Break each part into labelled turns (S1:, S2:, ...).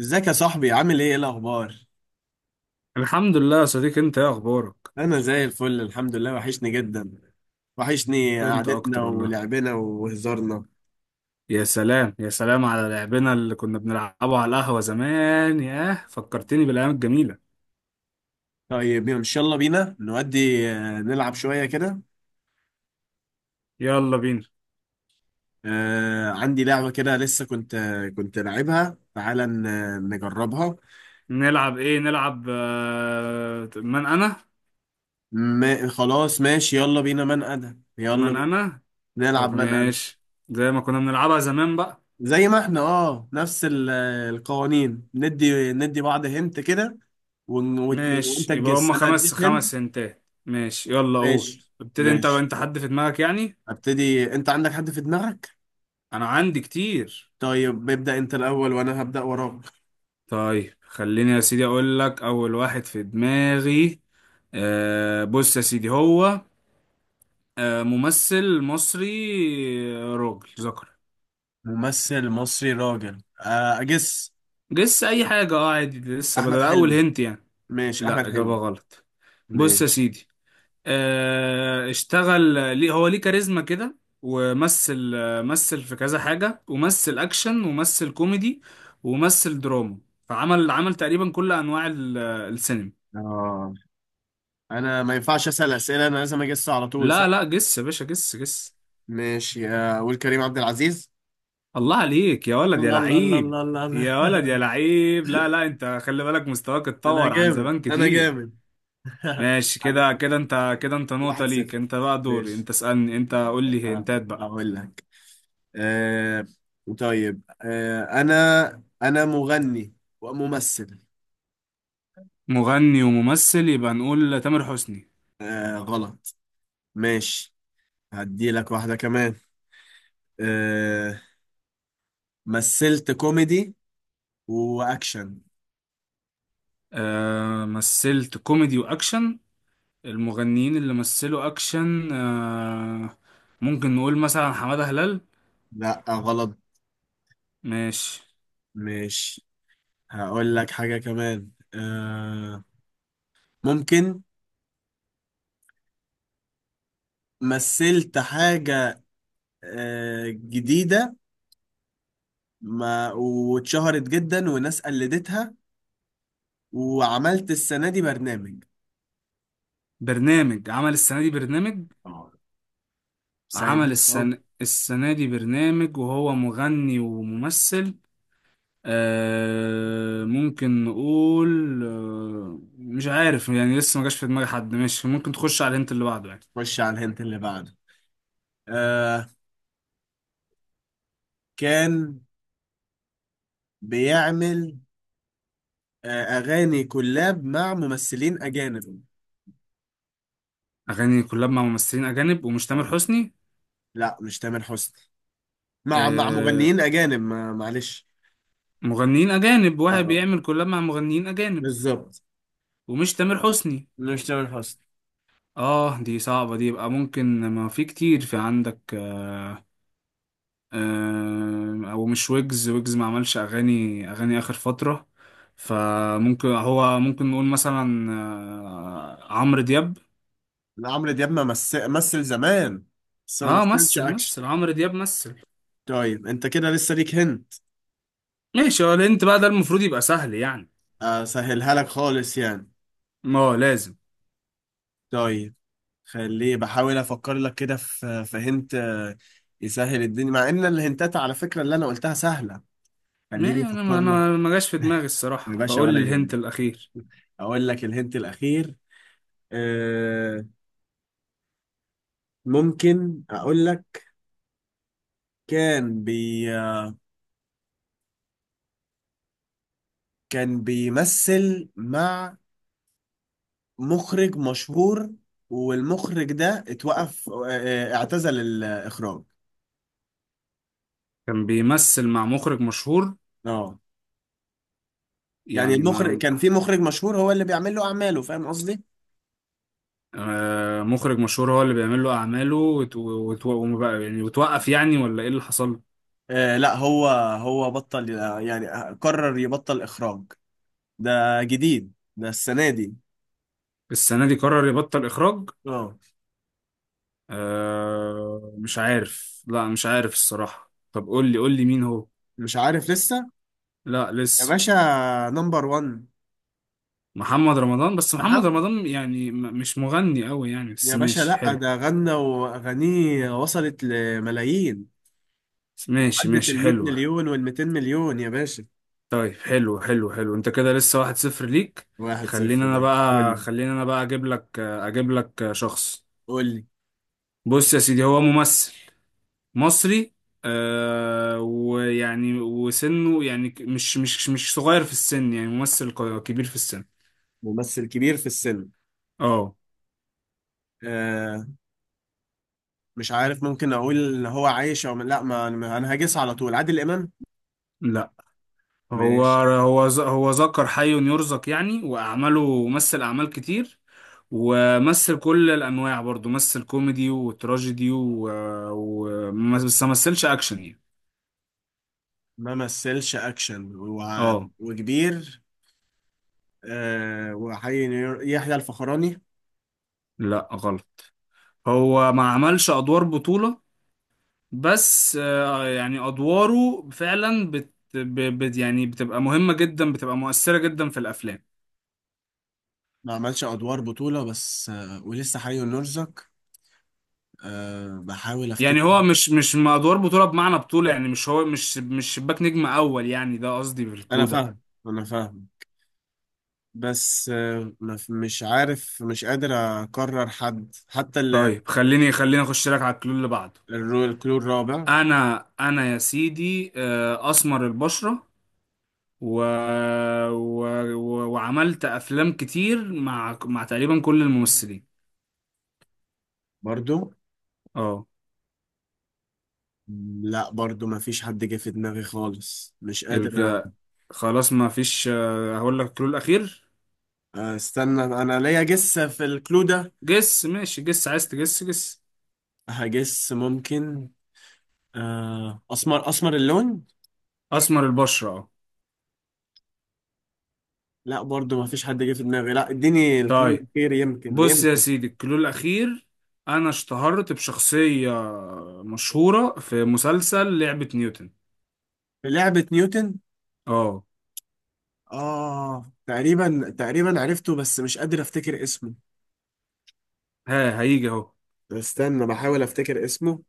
S1: ازيك يا صاحبي؟ عامل ايه؟ ايه الاخبار؟
S2: الحمد لله يا صديقي، انت ايه اخبارك؟
S1: انا زي الفل الحمد لله. وحشني جدا، وحشني
S2: انت
S1: قعدتنا
S2: اكتر والله.
S1: ولعبنا وهزارنا.
S2: يا سلام يا سلام على لعبنا اللي كنا بنلعبه على القهوة زمان، ياه فكرتني بالايام الجميلة.
S1: طيب ان شاء الله بينا نودي نلعب شويه كده.
S2: يلا بينا.
S1: عندي لعبه كده لسه كنت كنت لعبها، تعالى نجربها.
S2: نلعب ايه؟ نلعب من انا.
S1: ما خلاص ماشي، يلا بينا، من انا، يلا
S2: من
S1: بينا،
S2: انا. طب
S1: نلعب من انا.
S2: ماشي، زي ما كنا بنلعبها زمان بقى.
S1: زي ما احنا، اه، نفس القوانين، ندي ندي بعض هنت كده، وانت
S2: ماشي يبقى
S1: تجس
S2: هما
S1: انا
S2: خمس
S1: اديك
S2: خمس
S1: هنت.
S2: سنتات، ماشي يلا قول.
S1: ماشي.
S2: ابتدي انت،
S1: ماشي،
S2: انت حد في دماغك يعني؟
S1: هبتدي. انت عندك حد في دماغك؟
S2: انا عندي كتير.
S1: طيب ابدأ انت الاول وانا هبدأ وراك.
S2: طيب خليني يا سيدي اقول لك اول واحد في دماغي. آه بص يا سيدي، هو آه ممثل مصري، راجل ذكر.
S1: ممثل مصري راجل، اجس.
S2: لسه اي حاجة، اه عادي، لسه بدل
S1: احمد
S2: اول
S1: حلمي.
S2: هنت يعني.
S1: ماشي احمد
S2: لا، اجابة
S1: حلمي.
S2: غلط. بص يا
S1: ماشي.
S2: سيدي، آه اشتغل، ليه هو ليه كاريزما كده، ومثل مثل في كذا حاجة، ومثل اكشن، ومثل كوميدي، ومثل دراما. فعمل، عمل تقريبا كل انواع السينما.
S1: اه، انا ما ينفعش اسأل اسئلة، انا لازم اجس على طول، صح؟
S2: لا لا جس يا باشا، جس جس.
S1: ماشي، اقول كريم عبد العزيز.
S2: الله عليك يا ولد يا
S1: الله الله الله
S2: لعيب.
S1: الله الله الله.
S2: يا ولد يا لعيب، لا لا، انت خلي بالك، مستواك
S1: انا
S2: اتطور عن
S1: جامد،
S2: زمان
S1: انا
S2: كتير.
S1: جامد.
S2: ماشي كده،
S1: حبيبي،
S2: كده انت كده، انت نقطة
S1: واحد
S2: ليك،
S1: صفر.
S2: انت بقى دوري،
S1: ماشي.
S2: انت اسألني، انت قول لي
S1: آه،
S2: هنتات بقى.
S1: هقول لك. آه، طيب، آه، انا مغني وممثل.
S2: مغني وممثل، يبقى نقول تامر حسني.
S1: آه غلط. ماشي، هدي لك واحدة كمان. آه، مثلت كوميدي واكشن.
S2: آه مثلت كوميدي واكشن، المغنيين اللي مثلوا اكشن، آه ممكن نقول مثلا حمادة هلال.
S1: لا غلط.
S2: ماشي.
S1: ماشي. هقول لك حاجة كمان، آه، ممكن، مثلت حاجة آه جديدة، ما واتشهرت جدا وناس قلدتها، وعملت السنة دي برنامج.
S2: برنامج، عمل السنة دي برنامج؟
S1: آه، سهل.
S2: عمل السنة دي برنامج وهو مغني وممثل. آه ممكن نقول، آه مش عارف يعني، لسه ما جاش في دماغي حد، ماشي ممكن تخش على الهنت اللي بعده يعني.
S1: خش على الهنت اللي بعده. آه، كان بيعمل أغاني كولاب مع ممثلين أجانب.
S2: أغاني كلاب مع ممثلين أجانب ومش تامر
S1: اه،
S2: حسني.
S1: لا مش تامر حسني، مع
S2: آه
S1: مغنيين أجانب، ما معلش.
S2: مغنيين أجانب،
S1: اه
S2: واحد
S1: اه،
S2: بيعمل كلاب مع مغنيين أجانب
S1: بالظبط.
S2: ومش تامر حسني.
S1: مش تامر حسني.
S2: اه دي صعبة دي، يبقى ممكن ما في كتير في عندك، هو مش ويجز، ما عملش اغاني اخر فتره، فممكن هو ممكن نقول مثلا عمرو دياب.
S1: لا، عمرو دياب ما مثل زمان، بس ما
S2: اه
S1: مثلش
S2: مثل،
S1: أكشن.
S2: عمرو دياب مثل.
S1: طيب أنت كده لسه ليك هنت.
S2: ماشي، هو انت بقى ده المفروض يبقى سهل يعني.
S1: آه سهلها لك خالص يعني.
S2: ما هو لازم.
S1: طيب خليه، بحاول أفكر لك كده في هنت آه، يسهل الدنيا، مع إن الهنتات على فكرة اللي أنا قلتها سهلة.
S2: ما
S1: خليني
S2: انا
S1: افكر
S2: ما
S1: لك.
S2: أنا ما جاش في دماغي
S1: يا
S2: الصراحه،
S1: باشا
S2: فقول
S1: ولا
S2: لي الهنت
S1: يهمك،
S2: الاخير.
S1: اقول لك الهنت الاخير. آه ممكن اقول لك، كان بي، كان بيمثل مع مخرج مشهور، والمخرج ده اتوقف، اعتزل الاخراج.
S2: كان بيمثل مع مخرج مشهور
S1: اه، يعني
S2: يعني،
S1: المخرج،
S2: ما
S1: كان في مخرج مشهور هو اللي بيعمل له اعماله، فاهم قصدي؟
S2: آه، مخرج مشهور هو اللي بيعمل له اعماله، يعني وتوقف يعني ولا ايه اللي حصل له؟
S1: آه لا هو، هو بطل، آه، يعني قرر يبطل اخراج. ده جديد، ده السنة دي.
S2: السنه دي قرر يبطل اخراج.
S1: اه
S2: أه مش عارف، لا مش عارف الصراحة، طب قول لي، قول لي مين هو.
S1: مش عارف لسه.
S2: لا
S1: يا
S2: لسه.
S1: باشا، نمبر 1
S2: محمد رمضان؟ بس محمد
S1: محمد.
S2: رمضان يعني مش مغني قوي يعني، بس
S1: يا باشا
S2: ماشي
S1: لا
S2: حلو.
S1: ده غنى واغانيه وصلت لملايين،
S2: ماشي
S1: عدت
S2: ماشي
S1: ال 100
S2: حلوة.
S1: مليون وال 200 مليون يا باشا.
S2: طيب حلو حلو حلو، انت كده لسه 1-0 ليك.
S1: واحد
S2: خليني
S1: صفر.
S2: انا
S1: ده قول
S2: بقى
S1: لي،
S2: خليني انا بقى اجيب لك شخص.
S1: قول لي.
S2: بص يا سيدي، هو ممثل مصري، آه ويعني وسنه يعني مش مش صغير في السن يعني، ممثل كبير في السن.
S1: ممثل كبير في السن.
S2: اه
S1: آه مش عارف، ممكن اقول ان هو عايش او لا. انا هجس على طول، عادل امام.
S2: لا هو،
S1: ماشي.
S2: هو ذكر حي يرزق يعني، وأعماله مثل أعمال كتير، ومثل كل الأنواع برضو، مثل كوميدي وتراجيدي و... بس ما مثلش أكشن يعني.
S1: ما مثلش اكشن و...
S2: اه
S1: وكبير. آه، وحي، يحيى الفخراني.
S2: لا غلط. هو ما عملش أدوار بطولة، بس يعني أدواره فعلا يعني بتبقى مهمة جدا، بتبقى مؤثرة جدا في الأفلام.
S1: ما عملش ادوار بطولة بس آه، ولسه حي ونرزق. أه بحاول افتكر.
S2: يعني هو مش مش ما أدوار بطولة بمعنى بطولة، يعني مش هو مش شباك نجم أول يعني، ده قصدي
S1: انا
S2: بالكلو ده.
S1: فاهم، انا فاهم، بس أه ما في- مش عارف، مش قادر اقرر حد حتى
S2: طيب خليني اخش لك على الكلو اللي بعده.
S1: الكلور الرابع.
S2: انا يا سيدي، اسمر البشره، و... و... وعملت افلام كتير مع تقريبا كل الممثلين.
S1: برضو.
S2: اه.
S1: لا برضو ما فيش حد جه في دماغي خالص، مش قادر
S2: الج... خلاص ما فيش، هقول لك الكلو الاخير.
S1: استنى، انا ليا جس في الكلو ده.
S2: جس ماشي جس، عايز تجس جس.
S1: هجس ممكن. أه اسمر، اسمر اللون.
S2: اسمر البشره، اه.
S1: لا برضو ما فيش حد جه في دماغي، لا اديني الكلو
S2: طيب
S1: الاخير يمكن
S2: بص يا
S1: يمكن.
S2: سيدي الكلو الاخير. انا اشتهرت بشخصيه مشهوره في مسلسل لعبه نيوتن.
S1: في لعبة نيوتن؟
S2: اه.
S1: آه تقريبا تقريبا عرفته، بس مش قادر أفتكر اسمه.
S2: ها هيجي اهو.
S1: طب استنى، بحاول أفتكر اسمه.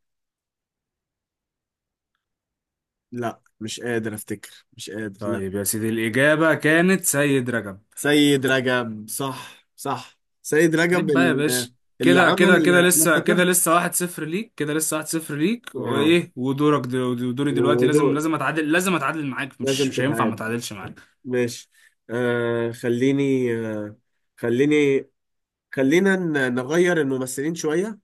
S1: لا مش قادر أفتكر، مش قادر، لا.
S2: طيب يا سيدي الإجابة كانت سيد رجب.
S1: سيد رجب، صح صح، سيد رجب
S2: عيب بقى يا
S1: ال-،
S2: باشا.
S1: اللي
S2: كده كده
S1: عمل،
S2: كده
S1: أنا
S2: لسه كده
S1: افتكرت.
S2: لسه 1-0 ليك، كده لسه 1-0 ليك،
S1: آه
S2: ودوري دلوقتي لازم،
S1: ودول
S2: لازم أتعادل معاك،
S1: لازم
S2: مش هينفع ما
S1: تتعاد.
S2: أتعادلش معاك.
S1: ماشي. آه خليني آه، خليني، خلينا نغير الممثلين شوية.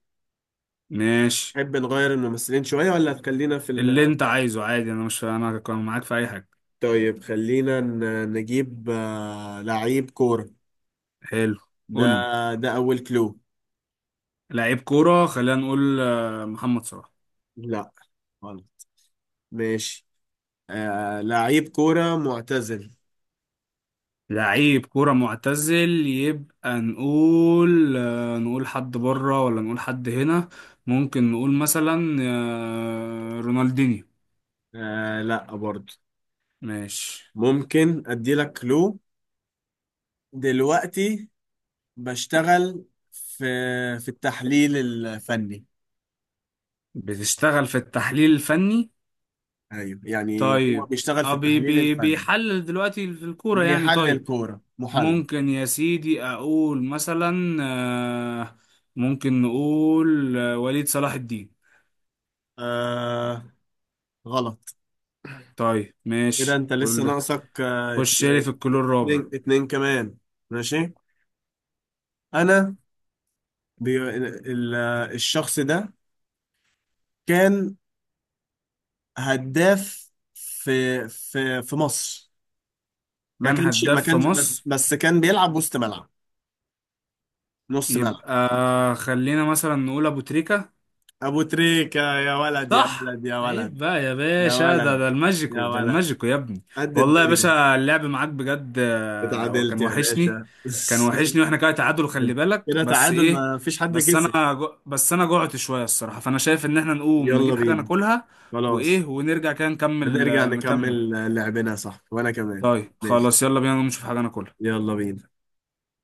S2: ماشي،
S1: تحب نغير الممثلين شوية ولا خلينا في
S2: اللي
S1: ال...؟
S2: أنت عايزه عادي، أنا مش أنا كان معاك في أي حاجة.
S1: طيب خلينا نجيب آه، لعيب كورة.
S2: حلو.
S1: ده،
S2: قول لي.
S1: ده أول كلو.
S2: لعيب كورة، خلينا نقول محمد صلاح.
S1: لا غلط. ماشي. آه لعيب كورة معتزل.
S2: لعيب كورة معتزل، يبقى نقول نقول حد بره ولا نقول حد هنا. ممكن نقول مثلا رونالدينيو.
S1: آه لا برضه.
S2: ماشي.
S1: ممكن أدي لك كلو، دلوقتي بشتغل في التحليل الفني.
S2: بتشتغل في التحليل الفني،
S1: أيوه يعني هو
S2: طيب.
S1: بيشتغل في
S2: اه بي
S1: التحليل
S2: بي
S1: الفني،
S2: بيحلل دلوقتي في الكورة يعني،
S1: بيحلل
S2: طيب.
S1: كورة، محلل.
S2: ممكن يا سيدي اقول مثلا، آه، ممكن نقول وليد صلاح الدين.
S1: آه غلط.
S2: طيب
S1: كده
S2: ماشي
S1: أنت لسه
S2: كل.
S1: ناقصك آه
S2: خش لي في الكلور الرابع.
S1: اتنين، اتنين كمان. ماشي. أنا، بي ال-، الشخص ده كان هداف في في مصر، ما
S2: كان
S1: كانش ما
S2: هداف في
S1: كانش بس
S2: مصر،
S1: بس كان بيلعب وسط ملعب، نص ملعب.
S2: يبقى خلينا مثلا نقول ابو تريكة.
S1: ابو تريكة! يا ولد يا
S2: صح،
S1: ولد يا ولد،
S2: عيب بقى يا
S1: يا
S2: باشا، ده
S1: ولد
S2: ده
S1: يا
S2: الماجيكو ده
S1: ولد،
S2: الماجيكو يا ابني.
S1: قد
S2: والله يا
S1: الدنيا.
S2: باشا اللعب معاك بجد
S1: اتعادلت
S2: وكان
S1: يا
S2: وحشني،
S1: باشا.
S2: كان وحشني، واحنا كده تعادل، خلي بالك
S1: كده
S2: بس
S1: تعادل،
S2: ايه.
S1: ما فيش حد كسب.
S2: بس انا جوعت شوية الصراحة، فانا شايف ان احنا نقوم
S1: يلا
S2: نجيب حاجة
S1: بينا،
S2: ناكلها،
S1: خلاص.
S2: ونرجع كده نكمل،
S1: هنرجع
S2: نكمل.
S1: نكمل لعبنا، صح، وانا كمان.
S2: طيب
S1: ماشي،
S2: خلاص يلا بينا نقوم نشوف حاجة ناكلها.
S1: يلا بينا.